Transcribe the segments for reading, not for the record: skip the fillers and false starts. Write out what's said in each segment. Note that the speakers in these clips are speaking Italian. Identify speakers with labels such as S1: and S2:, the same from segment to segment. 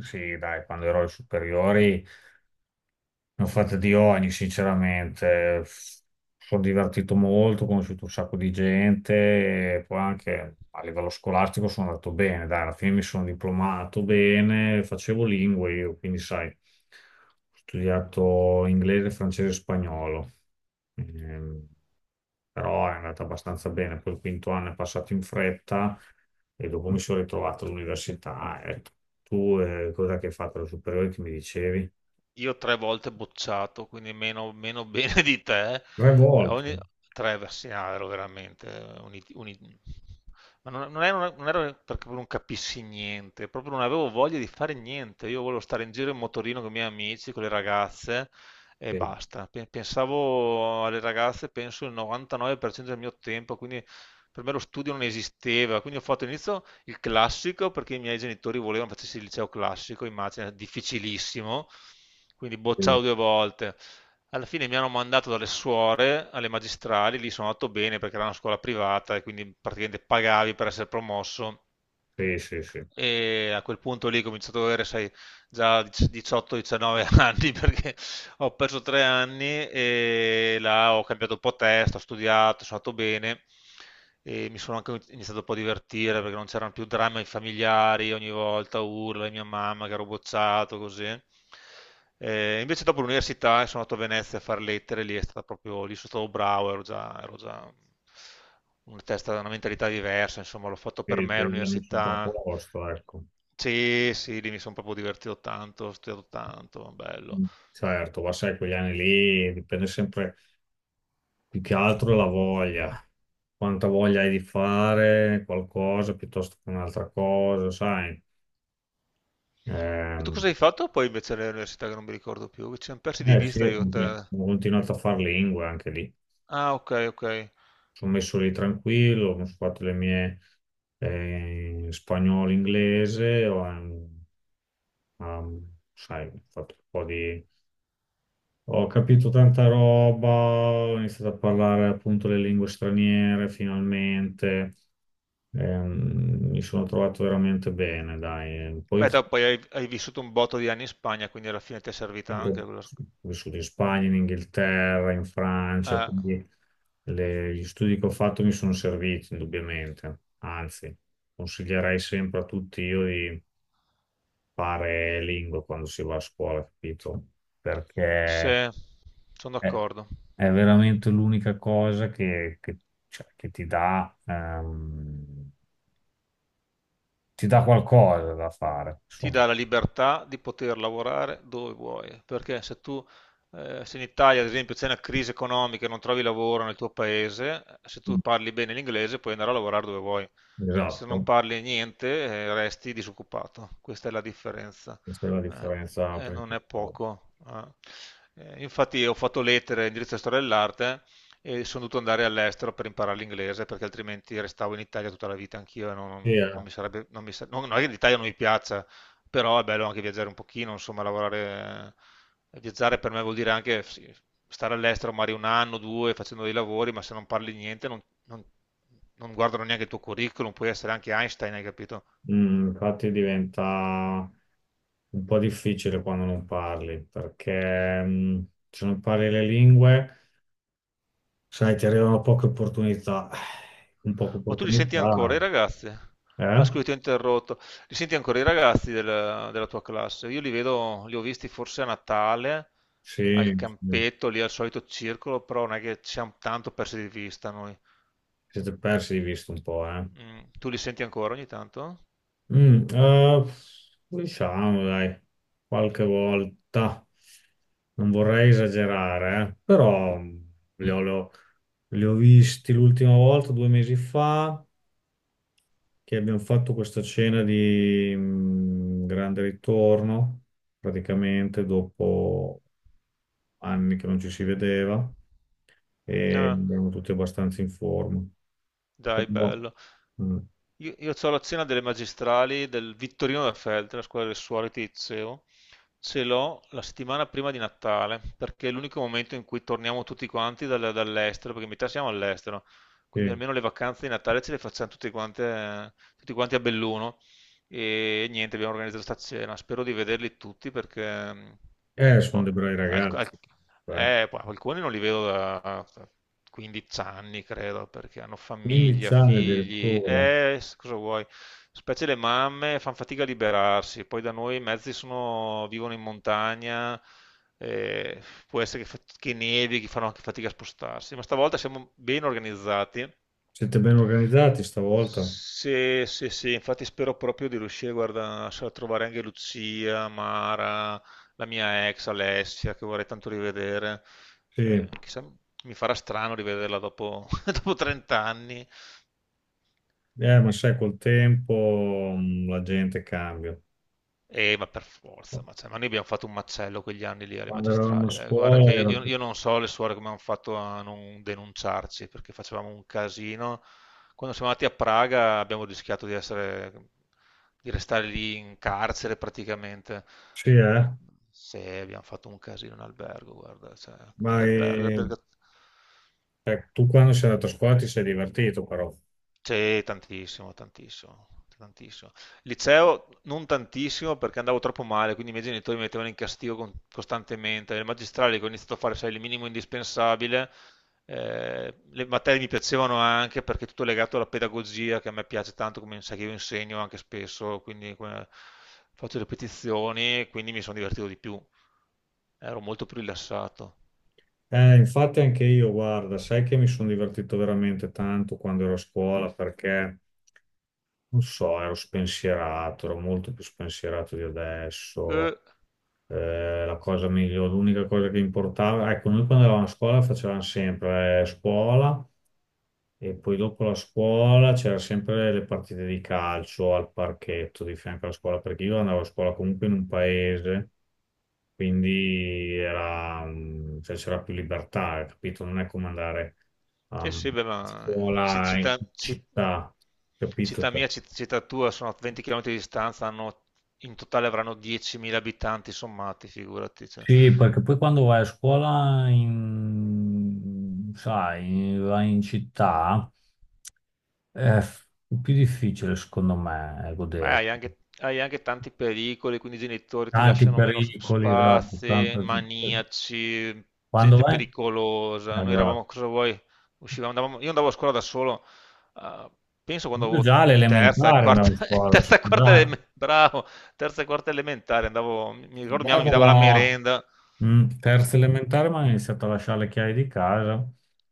S1: Sì, dai, quando ero alle superiori, ne ho fatte di ogni, sinceramente. Sono divertito molto, ho conosciuto un sacco di gente e poi anche a livello scolastico sono andato bene. Dai, alla fine mi sono diplomato bene, facevo lingue io, quindi sai, ho studiato inglese, francese e spagnolo. Ehm, Però è andata abbastanza bene. Poi il quinto anno è passato in fretta e dopo mi sono ritrovato all'università. Ecco. Tu cosa che hai fatto alle superiori che mi dicevi?
S2: Io tre volte bocciato, quindi meno bene di te. Eh,
S1: Tre volte.
S2: Ogni... Tre versi, no, ero veramente... un it- un it- Ma non ero perché proprio non capissi niente, proprio non avevo voglia di fare niente. Io volevo stare in giro in motorino con i miei amici, con le ragazze e
S1: Sì,
S2: basta. Pensavo alle ragazze, penso il 99% del mio tempo, quindi per me lo studio non esisteva. Quindi ho fatto all'inizio il classico perché i miei genitori volevano facessi il liceo classico, immagina, difficilissimo. Quindi
S1: sì,
S2: bocciato due volte. Alla fine mi hanno mandato dalle suore alle magistrali, lì sono andato bene perché era una scuola privata e quindi praticamente pagavi per essere promosso.
S1: sì, sì, sì.
S2: E a quel punto lì ho cominciato ad avere, sai, già 18-19 anni perché ho perso tre anni e là ho cambiato un po' testa, ho studiato, sono andato bene e mi sono anche iniziato un po' a divertire perché non c'erano più drammi familiari, ogni volta urla, mia mamma che ero bocciato, così. Invece dopo l'università sono andato a Venezia a fare lettere, lì è stata proprio, lì sono stato bravo, ero già una testa, una mentalità diversa, insomma l'ho fatto per
S1: Quindi
S2: me
S1: te li ha messo un po' a
S2: l'università.
S1: posto, ecco.
S2: Sì, sì, lì mi sono proprio divertito tanto, ho studiato tanto, bello.
S1: Mm. Certo, ma sai, quegli anni lì dipende sempre più che altro la voglia, quanta voglia hai di fare qualcosa piuttosto che un'altra cosa, sai.
S2: E tu
S1: Ehm,
S2: cosa hai fatto poi invece all'università che non mi ricordo più? Che ci siamo persi di
S1: eh sì,
S2: vista io e te.
S1: ho continuato a fare lingue anche lì.
S2: Ah, ok, ok.
S1: Sono messo lì tranquillo, ho fatto le mie spagnolo, inglese, ho, sai, ho fatto un po' di ho capito tanta roba, ho iniziato a parlare appunto le lingue straniere finalmente, mi sono trovato veramente bene, dai. Poi
S2: Beh, te poi hai vissuto un botto di anni in Spagna, quindi alla fine ti è servita
S1: finito-
S2: anche quello...
S1: ho vissuto in Spagna, in Inghilterra, in Francia,
S2: Eh,
S1: quindi gli studi che ho fatto mi sono serviti indubbiamente, anzi, consiglierei sempre a tutti io di fare lingue quando si va a scuola, capito?
S2: sì,
S1: Perché
S2: sono
S1: È,
S2: d'accordo.
S1: è veramente l'unica cosa che, cioè, che ti dà qualcosa da fare,
S2: Ti
S1: insomma.
S2: dà la libertà di poter lavorare dove vuoi, perché se tu se in Italia, ad esempio, c'è una crisi economica e non trovi lavoro nel tuo paese, se tu parli bene l'inglese puoi andare a lavorare dove vuoi. Se non
S1: Esatto,
S2: parli niente, resti disoccupato. Questa è la differenza.
S1: questa è la
S2: Eh,
S1: differenza
S2: e non è
S1: principale.
S2: poco. Eh. Infatti ho fatto lettere in diritto e storia dell'arte e sono dovuto andare all'estero per imparare l'inglese perché altrimenti restavo in Italia tutta la vita anch'io e
S1: Sì,
S2: non
S1: eh.
S2: mi sarebbe... Non è che l'Italia non mi piaccia, però è bello anche viaggiare un pochino, insomma, lavorare. Viaggiare per me vuol dire anche sì, stare all'estero magari un anno, due, facendo dei lavori, ma se non parli niente non guardano neanche il tuo curriculum, puoi essere anche Einstein, hai capito?
S1: Mm, infatti diventa un po' difficile quando non parli, perché mm, se non parli le lingue, sai, ti arrivano poche opportunità. Con poche
S2: Ma tu li senti ancora
S1: opportunità,
S2: i ragazzi? Ah,
S1: eh?
S2: scusi, ti ho interrotto. Li senti ancora i ragazzi della tua classe? Io li vedo, li ho visti forse a Natale,
S1: Sì,
S2: al
S1: sì.
S2: campetto, lì al solito circolo, però non è che ci siamo tanto persi di vista noi.
S1: Siete persi di vista un po', eh?
S2: Mm, tu li senti ancora ogni tanto?
S1: Mm, diciamo, dai, qualche volta non vorrei esagerare, però mm, li ho, li ho visti l'ultima volta, 2 mesi fa, che abbiamo fatto questa cena di mm, grande ritorno, praticamente dopo anni che non ci si vedeva e
S2: Ah.
S1: erano tutti abbastanza in forma.
S2: Dai,
S1: Però,
S2: bello.
S1: mm,
S2: Io c'ho la cena delle magistrali del Vittorino da Feltre, la scuola del suore che ti dicevo. Ce l'ho la settimana prima di Natale, perché è l'unico momento in cui torniamo tutti quanti dall'estero, perché in metà siamo all'estero, quindi
S1: sì.
S2: almeno le vacanze di Natale ce le facciamo tutti quanti a Belluno. E niente, abbiamo organizzato sta cena. Spero di vederli tutti perché
S1: Sono
S2: boh,
S1: dei bravi
S2: al- al-
S1: ragazzi. Eh.
S2: poi alcuni non li vedo da 15 anni, credo, perché hanno
S1: 15
S2: famiglia,
S1: anni
S2: figli,
S1: addirittura.
S2: cosa vuoi? Specie le mamme fanno fatica a liberarsi, poi da noi i mezzi sono, vivono in montagna, eh, può essere che, che nevi, che fanno anche fatica a spostarsi, ma stavolta siamo ben organizzati.
S1: Siete ben organizzati stavolta?
S2: Sì, sì, sì, infatti spero proprio di riuscire, guarda, a trovare anche Lucia, Mara, la mia ex Alessia, che vorrei tanto rivedere.
S1: Sì,
S2: Chissà, mi farà strano rivederla dopo, dopo 30 anni.
S1: ma sai, col tempo la gente cambia.
S2: Ma per forza, ma, cioè, ma noi abbiamo fatto un macello quegli anni lì alle
S1: Quando eravamo a
S2: magistrali. Eh. Guarda
S1: scuola
S2: che
S1: era...
S2: io, io non so le suore come hanno fatto a non denunciarci, perché facevamo un casino. Quando siamo andati a Praga abbiamo rischiato di essere, di restare lì in carcere praticamente.
S1: Sì, eh?
S2: Se abbiamo fatto un casino in albergo, guarda, cioè,
S1: Ma
S2: l'albergo, l'albergo.
S1: tu quando sei andato a scuola ti sei divertito però.
S2: Sì, tantissimo. Liceo non tantissimo perché andavo troppo male, quindi i miei genitori mi mettevano in castigo costantemente. Nel magistrale che ho iniziato a fare, sai, il minimo indispensabile, le materie mi piacevano anche perché è tutto legato alla pedagogia che a me piace tanto, come sai che io insegno anche spesso, quindi faccio ripetizioni, quindi mi sono divertito di più, ero molto più rilassato.
S1: Infatti anche io, guarda, sai che mi sono divertito veramente tanto quando ero a scuola perché, non so, ero spensierato, ero molto più spensierato di adesso. La cosa migliore, l'unica cosa che importava, ecco, noi quando eravamo a scuola facevamo sempre scuola e poi dopo la scuola c'erano sempre le partite di calcio al parchetto di fianco alla scuola, perché io andavo a scuola comunque in un paese, quindi era, mm, cioè, c'era più libertà, capito? Non è come andare
S2: Sì,
S1: um,
S2: sì, beh,
S1: a
S2: ma
S1: scuola in città, capito? Cioè,
S2: città tua sono a 20 km di distanza, in totale avranno 10.000 abitanti sommati, figurati. Cioè.
S1: sì, perché poi quando vai a scuola in, sai, vai in città è f- più difficile, secondo me,
S2: Beh, hai
S1: godersi.
S2: anche, hai anche tanti pericoli, quindi i genitori ti
S1: Tanti
S2: lasciano meno
S1: pericoli, esatto,
S2: spazi, maniaci,
S1: Quando
S2: gente
S1: vai...
S2: pericolosa. Noi
S1: Esatto.
S2: eravamo, cosa vuoi? Uscivamo, io andavo a scuola da solo, eh, penso quando
S1: Io già
S2: avevo in terza, e
S1: all'elementare
S2: quarta,
S1: andavo a
S2: in
S1: scuola,
S2: terza, e quarta,
S1: scusate.
S2: eleme- bravo, terza e quarta elementare, andavo, mi ricordo mia
S1: Già
S2: mamma mi dava la
S1: dalla
S2: merenda.
S1: mm,
S2: Cioè,
S1: terza elementare mi hanno iniziato a lasciare le chiavi di casa.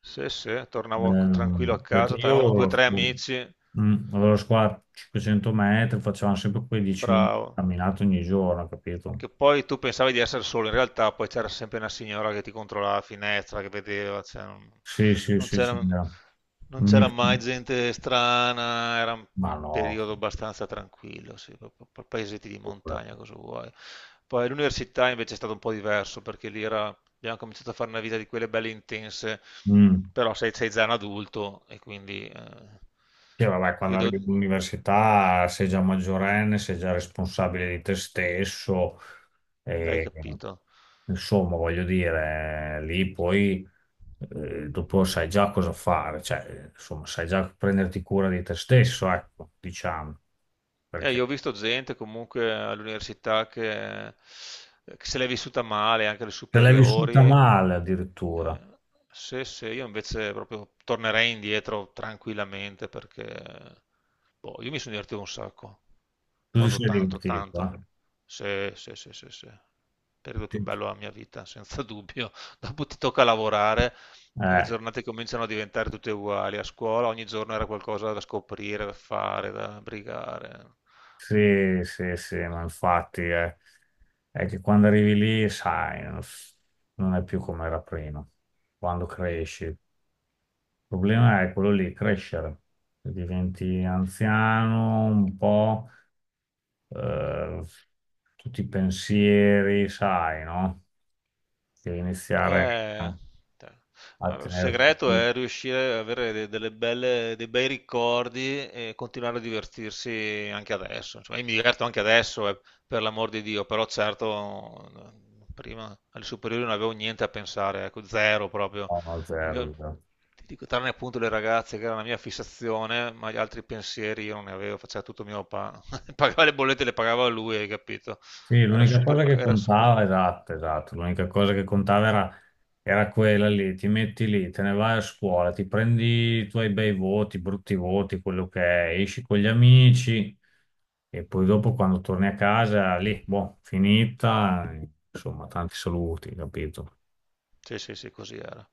S2: sì, sì, tornavo tranquillo a casa,
S1: Perché io
S2: avevamo
S1: avevo
S2: due o tre amici,
S1: mm, avevo lo squat 500 metri, facevamo sempre quei 10 minuti di
S2: bravo.
S1: camminata ogni giorno, capito?
S2: Che poi tu pensavi di essere solo, in realtà poi c'era sempre una signora che ti controllava la finestra, che vedeva, cioè, non,
S1: Sì, sì,
S2: non
S1: sì,
S2: c'era
S1: c'era.
S2: non
S1: Mi-
S2: c'era mai gente strana, era un
S1: Ma no,
S2: periodo abbastanza tranquillo, sì, paesetti di
S1: pure.
S2: montagna, cosa vuoi. Poi all'università invece è stato un po' diverso, perché abbiamo cominciato a fare una vita di quelle belle intense,
S1: Mm.
S2: però sei già un adulto e quindi
S1: Sì, vabbè, quando
S2: io
S1: arrivi
S2: devo...
S1: all'università sei già maggiorenne, sei già responsabile di te stesso
S2: Hai
S1: e
S2: capito?
S1: insomma, voglio dire, lì poi dopo sai già cosa fare, cioè, insomma, sai già prenderti cura di te stesso, ecco, diciamo, perché
S2: Io ho visto gente comunque all'università che se l'è vissuta male, anche alle
S1: te l'hai beh, vissuta
S2: superiori.
S1: male addirittura.
S2: Eh, sì, sì, io invece proprio tornerei indietro tranquillamente perché boh, io mi sono divertito un sacco,
S1: Tu ti
S2: proprio
S1: sei
S2: tanto,
S1: divertito,
S2: tanto.
S1: eh?
S2: Sì, sì, sì, sì, sì. Periodo più
S1: Sì.
S2: bello della mia vita, senza dubbio. Dopo ti tocca lavorare e le
S1: Eh,
S2: giornate cominciano a diventare tutte uguali. A scuola ogni giorno era qualcosa da scoprire, da fare, da brigare.
S1: sì, sì, sì, ma infatti è, che quando arrivi lì, sai, non è più come era prima, quando cresci. Il problema è quello lì, crescere. Diventi anziano un po', eh, tutti i pensieri, sai, no? Devi iniziare
S2: Eh,
S1: a,
S2: te-
S1: a
S2: allora, il
S1: tenerti
S2: segreto
S1: più
S2: è riuscire ad avere delle belle, dei bei ricordi e continuare a divertirsi anche adesso. Insomma, io mi diverto anche adesso, per l'amor di Dio, però certo prima alle superiori non avevo niente a pensare, ecco, zero proprio.
S1: a
S2: Il mio-
S1: zero.
S2: Ti dico, tranne appunto le ragazze che era la mia fissazione, ma gli altri pensieri io non ne avevo, faceva tutto mio papà. Pagava le bollette, le pagava lui, hai capito?
S1: Sì,
S2: Era
S1: l'unica cosa
S2: super,
S1: che
S2: era super...
S1: contava, esatto, esatto, l'unica cosa che contava era, era quella lì, ti metti lì, te ne vai a scuola, ti prendi i tuoi bei voti, brutti voti, quello che è, esci con gli amici e poi dopo quando torni a casa, lì, boh, finita, insomma, tanti saluti, capito?
S2: Sì, sì, sì, così era.